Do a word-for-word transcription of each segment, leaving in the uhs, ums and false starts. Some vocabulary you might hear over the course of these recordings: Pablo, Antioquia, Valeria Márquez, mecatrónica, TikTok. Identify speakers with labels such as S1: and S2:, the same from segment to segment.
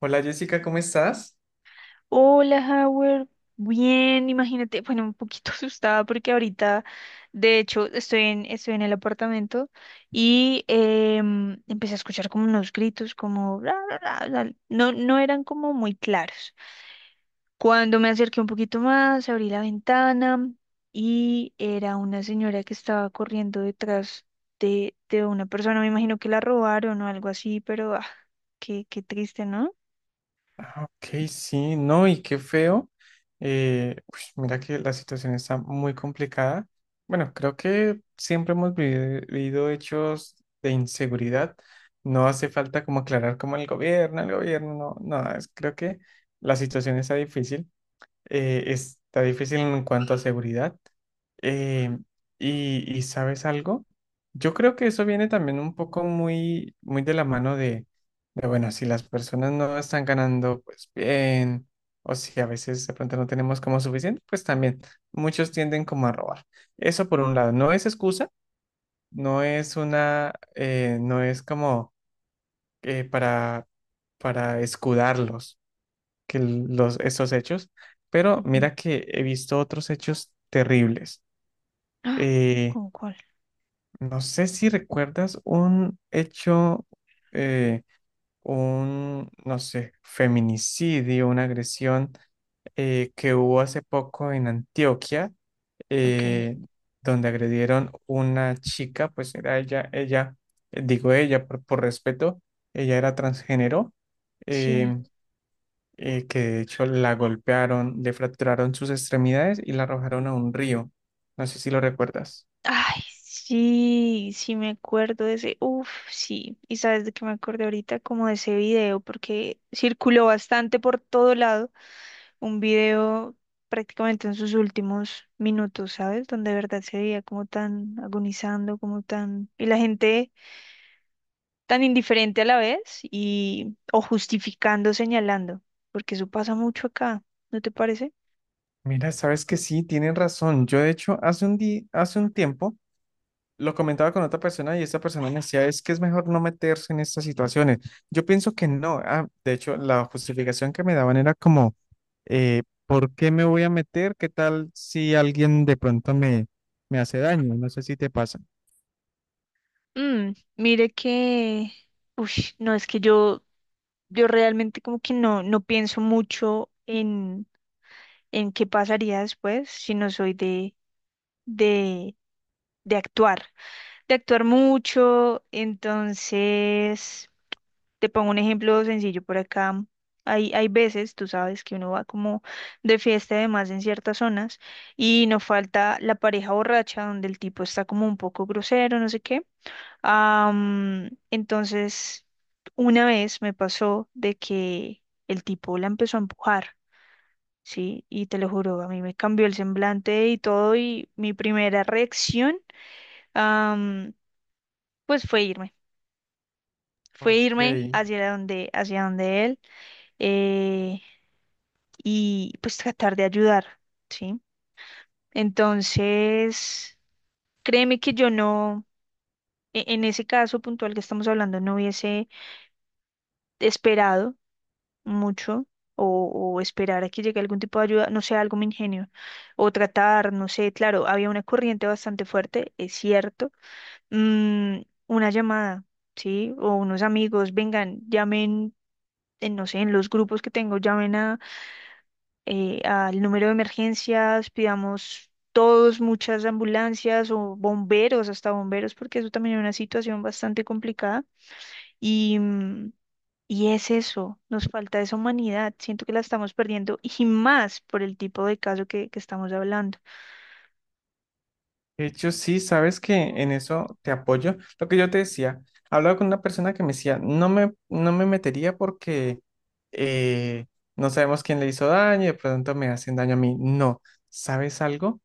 S1: Hola Jessica, ¿cómo estás?
S2: Hola, Howard. Bien, imagínate, bueno, un poquito asustada porque ahorita, de hecho, estoy en, estoy en el apartamento y em, empecé a escuchar como unos gritos, como "Ra, ra, ra, ra". No, no eran como muy claros. Cuando me acerqué un poquito más, abrí la ventana y era una señora que estaba corriendo detrás de, de una persona. Me imagino que la robaron o algo así, pero ah, qué, qué triste, ¿no?
S1: Ah, ok, sí, no, y qué feo. Eh, uy, mira que la situación está muy complicada. Bueno, creo que siempre hemos vivi- vivido hechos de inseguridad. No hace falta como aclarar como el gobierno, el gobierno, no, no, es- creo que la situación está difícil. Eh, está difícil en cuanto a seguridad. Eh, y, y ¿sabes algo? Yo creo que eso viene también un poco muy, muy de la mano de, de, bueno, si las personas no están ganando, pues bien, o si a veces de pronto no tenemos como suficiente, pues también muchos tienden como a robar. Eso por un lado, no es excusa, no es una, eh, no es como eh, para, para escudarlos que los, estos hechos, pero
S2: Ujú.
S1: mira que he visto otros hechos terribles.
S2: Ah,
S1: Eh,
S2: ¿con cuál?
S1: no sé si recuerdas un hecho, eh, un, no sé, feminicidio, una agresión eh, que hubo hace poco en Antioquia,
S2: Ok.
S1: eh, donde agredieron una chica, pues era ella, ella, eh, digo ella por, por respeto, ella era transgénero.
S2: Sí.
S1: eh, eh, que de hecho la golpearon, le fracturaron sus extremidades y la arrojaron a un río. No sé si lo recuerdas.
S2: Ay, sí, sí me acuerdo de ese. Uf, sí. Y sabes de qué me acordé ahorita, como de ese video, porque circuló bastante por todo lado. Un video prácticamente en sus últimos minutos, ¿sabes? Donde de verdad se veía como tan agonizando, como tan... Y la gente tan indiferente a la vez y... o justificando, señalando, porque eso pasa mucho acá, ¿no te parece?
S1: Mira, sabes que sí, tienen razón. Yo de hecho hace un día, hace un tiempo lo comentaba con otra persona y esta persona me decía, es que es mejor no meterse en estas situaciones. Yo pienso que no. Ah, de hecho, la justificación que me daban era como, eh, ¿por qué me voy a meter? ¿Qué tal si alguien de pronto me, me hace daño? No sé si te pasa.
S2: Mm, mire que... Uy, no, es que yo yo realmente como que no, no pienso mucho en, en qué pasaría después, sino soy de, de, de actuar, de actuar mucho. Entonces, te pongo un ejemplo sencillo por acá. Hay, hay veces, tú sabes, que uno va como de fiesta y demás en ciertas zonas y no falta la pareja borracha donde el tipo está como un poco grosero, no sé qué. Am, entonces, una vez me pasó de que el tipo la empezó a empujar, ¿sí? Y te lo juro, a mí me cambió el semblante y todo, y mi primera reacción, am, pues fue irme. Fue irme
S1: Ok.
S2: hacia donde, hacia donde él, eh, y pues tratar de ayudar, ¿sí? Entonces, créeme que yo no, e- en ese caso puntual que estamos hablando, no hubiese esperado mucho, o, o esperar a que llegue algún tipo de ayuda, no sé, algo me ingenio, o tratar, no sé, claro, había una corriente bastante fuerte, es cierto, mm, una llamada, ¿sí? O unos amigos, vengan, llamen. En, no sé, en los grupos que tengo, llamen a, eh, al número de emergencias, pidamos todos muchas ambulancias o bomberos, hasta bomberos, porque eso también es una situación bastante complicada. Y, mm, y es eso, nos falta esa humanidad, siento que la estamos perdiendo y más por el tipo de caso que, que estamos hablando.
S1: De hecho, sí, sabes que en eso te apoyo. Lo que yo te decía, hablaba con una persona que me decía, no me, no me metería porque eh, no sabemos quién le hizo daño y de pronto me hacen daño a mí. No, ¿sabes algo?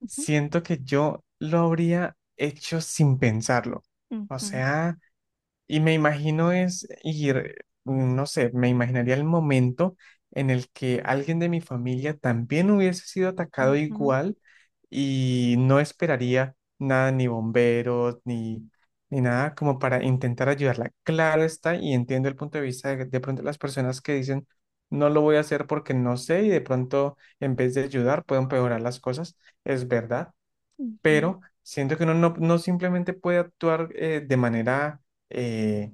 S2: Ujú,
S1: Siento que yo lo habría hecho sin pensarlo. O
S2: ujú,
S1: sea... Y me imagino es ir, mm, no sé, me imaginaría el momento en el que alguien de mi familia también hubiese sido atacado
S2: ujú,
S1: igual y no esperaría nada, ni bomberos, ni, ni nada como para intentar ayudarla. Claro está, y entiendo el punto de vista de, de pronto las personas que dicen, no lo voy a hacer porque no sé y de pronto en vez de ayudar pueden empeorar las cosas. Es verdad,
S2: ujú,
S1: pero siento que uno no, no simplemente puede actuar eh, de manera... eh,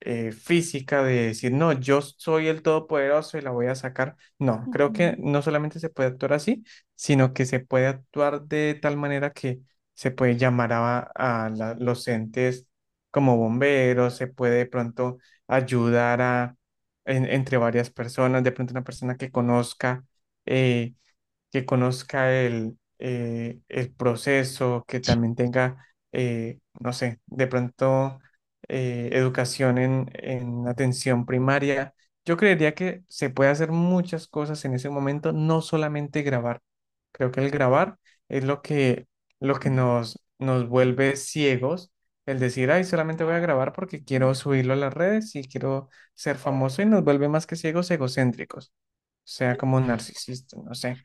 S1: eh, física de decir, no, yo soy el todopoderoso y la voy a sacar. No, creo que
S2: ujú.
S1: no solamente se puede actuar así, sino que se puede actuar de tal manera que se puede llamar a, a la- los entes como bomberos, se puede de pronto ayudar a, en- entre varias personas, de pronto una persona que conozca. eh, que conozca el, eh, el proceso, que también tenga, eh, no sé, de pronto eh, educación en, en atención primaria. Yo creería que se puede hacer muchas cosas en ese momento, no solamente grabar. Creo que el grabar es lo que, lo que nos, nos vuelve ciegos. El decir, ay, solamente voy a grabar porque quiero subirlo a las redes y quiero ser famoso y nos vuelve más que ciegos, egocéntricos sea como narcisista, no sé,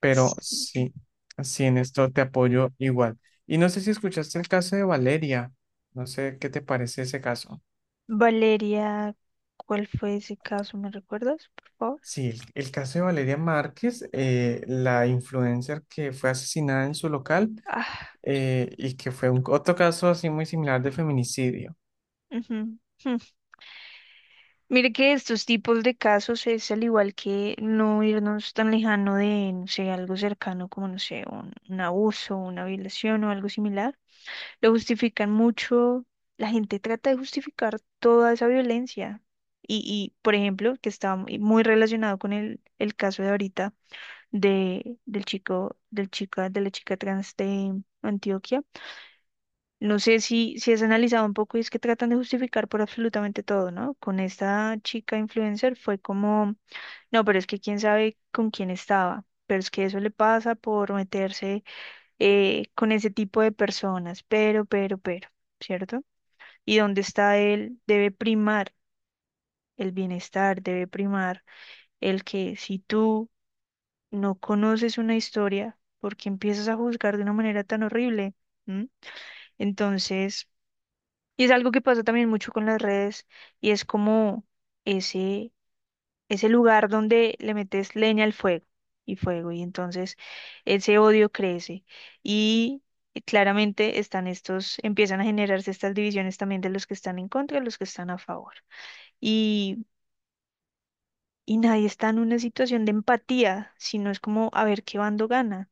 S1: pero
S2: Sí.
S1: sí, sí, en esto te apoyo igual. Y no sé si escuchaste el caso de Valeria, no sé qué te parece ese caso.
S2: Valeria, ¿cuál fue ese caso? ¿Me recuerdas, por favor?
S1: Sí, el, el caso de Valeria Márquez, eh, la influencer que fue asesinada en su local
S2: Ah,
S1: eh, y que fue un, otro caso así muy similar de feminicidio.
S2: ujú, jum. Mire que estos tipos de casos es al igual que no irnos tan lejano de, no sé, algo cercano como, no sé, un, un abuso, una violación o algo similar. Lo justifican mucho. La gente trata de justificar toda esa violencia. Y, y, por ejemplo, que está muy muy relacionado con el, el caso de ahorita de, del chico, del chica, de la chica trans de Antioquia. No sé si, si has analizado un poco y es que tratan de justificar por absolutamente todo, ¿no? Con esta chica influencer fue como, no, pero es que quién sabe con quién estaba. Pero es que eso le pasa por meterse, eh, con ese tipo de personas, pero, pero, pero, ¿cierto? Y donde está él debe primar el bienestar, debe primar el que, si tú no conoces una historia, ¿porque empiezas a juzgar de una manera tan horrible? ¿Mm? Entonces, y es algo que pasa también mucho con las redes, y es como ese, ese lugar donde le metes leña al fuego y fuego, y entonces ese odio crece y claramente están estos, empiezan a generarse estas divisiones también de los que están en contra y los que están a favor. Y y nadie está en una situación de empatía, sino es como a ver qué bando gana,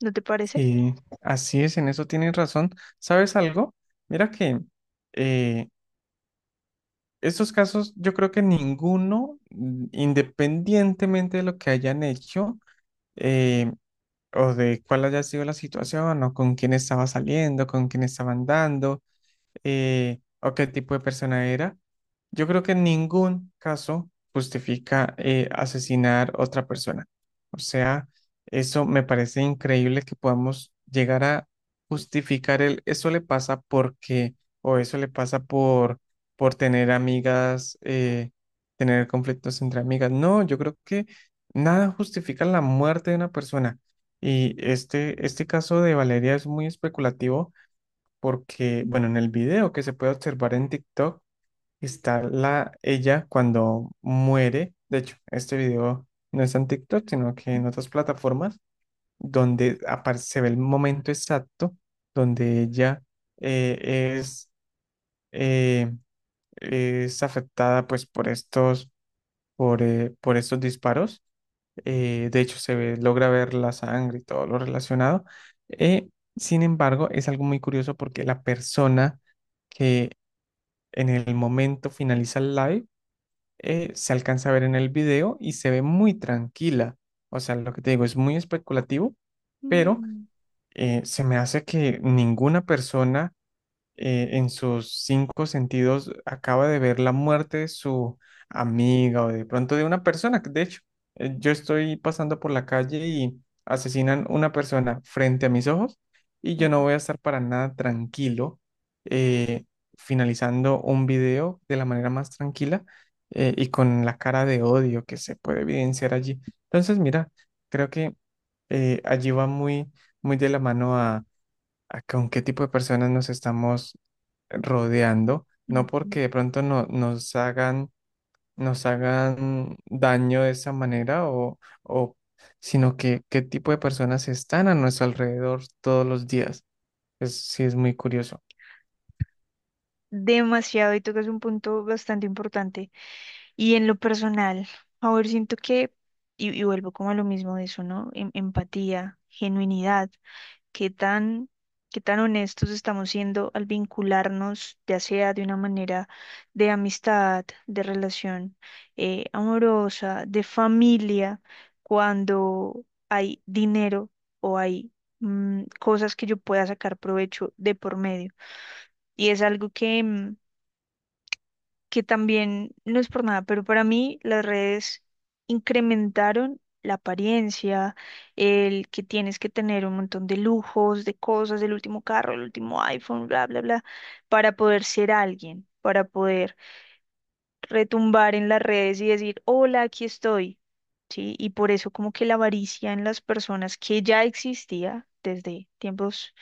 S2: ¿no te parece?
S1: Sí, así es, en eso tienes razón. ¿Sabes algo? Mira que eh, estos casos, yo creo que ninguno, mm, independientemente de lo que hayan hecho, eh, o de cuál haya sido la situación, o con quién estaba saliendo, con quién estaba andando, eh, o qué tipo de persona era. Yo creo que en ningún caso justifica eh, asesinar otra persona. O sea, eso me parece increíble que podamos llegar a justificar el eso le pasa porque o eso le pasa por por tener amigas, eh, tener conflictos entre amigas. No, yo creo que nada justifica la muerte de una persona. Y este, este caso de Valeria es muy especulativo porque, bueno, en el video que se puede observar en TikTok está la ella cuando muere. De hecho, este video no está en TikTok, sino que en otras plataformas donde apar- se ve el momento exacto donde ella eh, es, eh, es afectada pues por estos, por, eh, por estos disparos. Eh, de hecho, se ve- logra ver la sangre y todo lo relacionado. Eh, Sin embargo, es algo muy curioso porque la persona que en el momento finaliza el live, eh, se alcanza a ver en el video y se ve muy tranquila. O sea, lo que te digo es muy especulativo, pero
S2: Mm,
S1: eh, se me hace que ninguna persona eh, en sus cinco sentidos acaba de ver la muerte de su amiga o de pronto de una persona. que, De hecho, eh, yo estoy pasando por la calle y asesinan una persona frente a mis ojos y yo
S2: ujú,
S1: no voy a estar para nada tranquilo eh, finalizando un video de la manera más tranquila eh, y con la cara de odio que se puede evidenciar allí. Entonces, mira, creo que eh, allí va muy, muy de la mano a con qué tipo de personas nos estamos rodeando, no
S2: ujú.
S1: porque de pronto no, nos hagan, nos hagan daño de esa manera, o, o, sino que qué tipo de personas están a nuestro alrededor todos los días. Es, sí, es muy curioso.
S2: Demasiado, y tocas un punto bastante importante. Y en lo personal, a ver, siento que, y, y vuelvo como a lo mismo de eso, ¿no? Em- empatía, genuinidad. Qué tan, qué tan honestos estamos siendo al vincularnos, ya sea de una manera de amistad, de relación, eh, amorosa, de familia, cuando hay dinero o hay, mm, cosas que yo pueda sacar provecho de por medio. Y es algo que... mm, que también no es por nada, pero para mí las redes incrementaron la apariencia, el que tienes que tener un montón de lujos, de cosas, el último carro, el último iPhone, bla, bla, bla, para poder ser alguien, para poder retumbar en las redes y decir, hola, aquí estoy. Sí, y por eso como que la avaricia en las personas que ya existía desde tiempos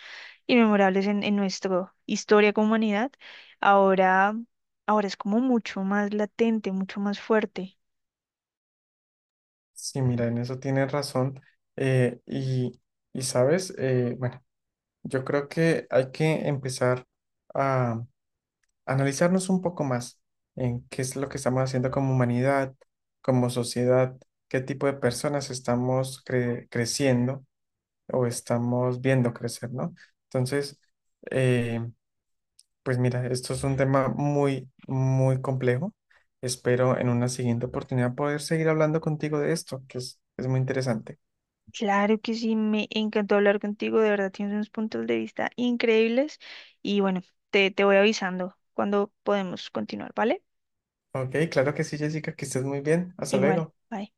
S2: y memorables en, en nuestra historia como humanidad, ahora, ahora es como mucho más latente, mucho más fuerte.
S1: Sí, mira, en eso tienes razón. Eh, y, y sabes, Eh, bueno, yo creo que hay que empezar a analizarnos un poco más en qué es lo que estamos haciendo como humanidad, como sociedad, qué tipo de personas estamos cre- creciendo o estamos viendo crecer, ¿no? Entonces, eh, pues mira, esto es un tema muy, muy complejo. Espero en una siguiente oportunidad poder seguir hablando contigo de esto, que es, es muy interesante.
S2: Claro que sí, me encantó hablar contigo, de verdad tienes unos puntos de vista increíbles y bueno, te, te voy avisando cuando podemos continuar, ¿vale?
S1: Ok, claro que sí, Jessica, que estés muy bien. Hasta
S2: Igual,
S1: luego.
S2: bye.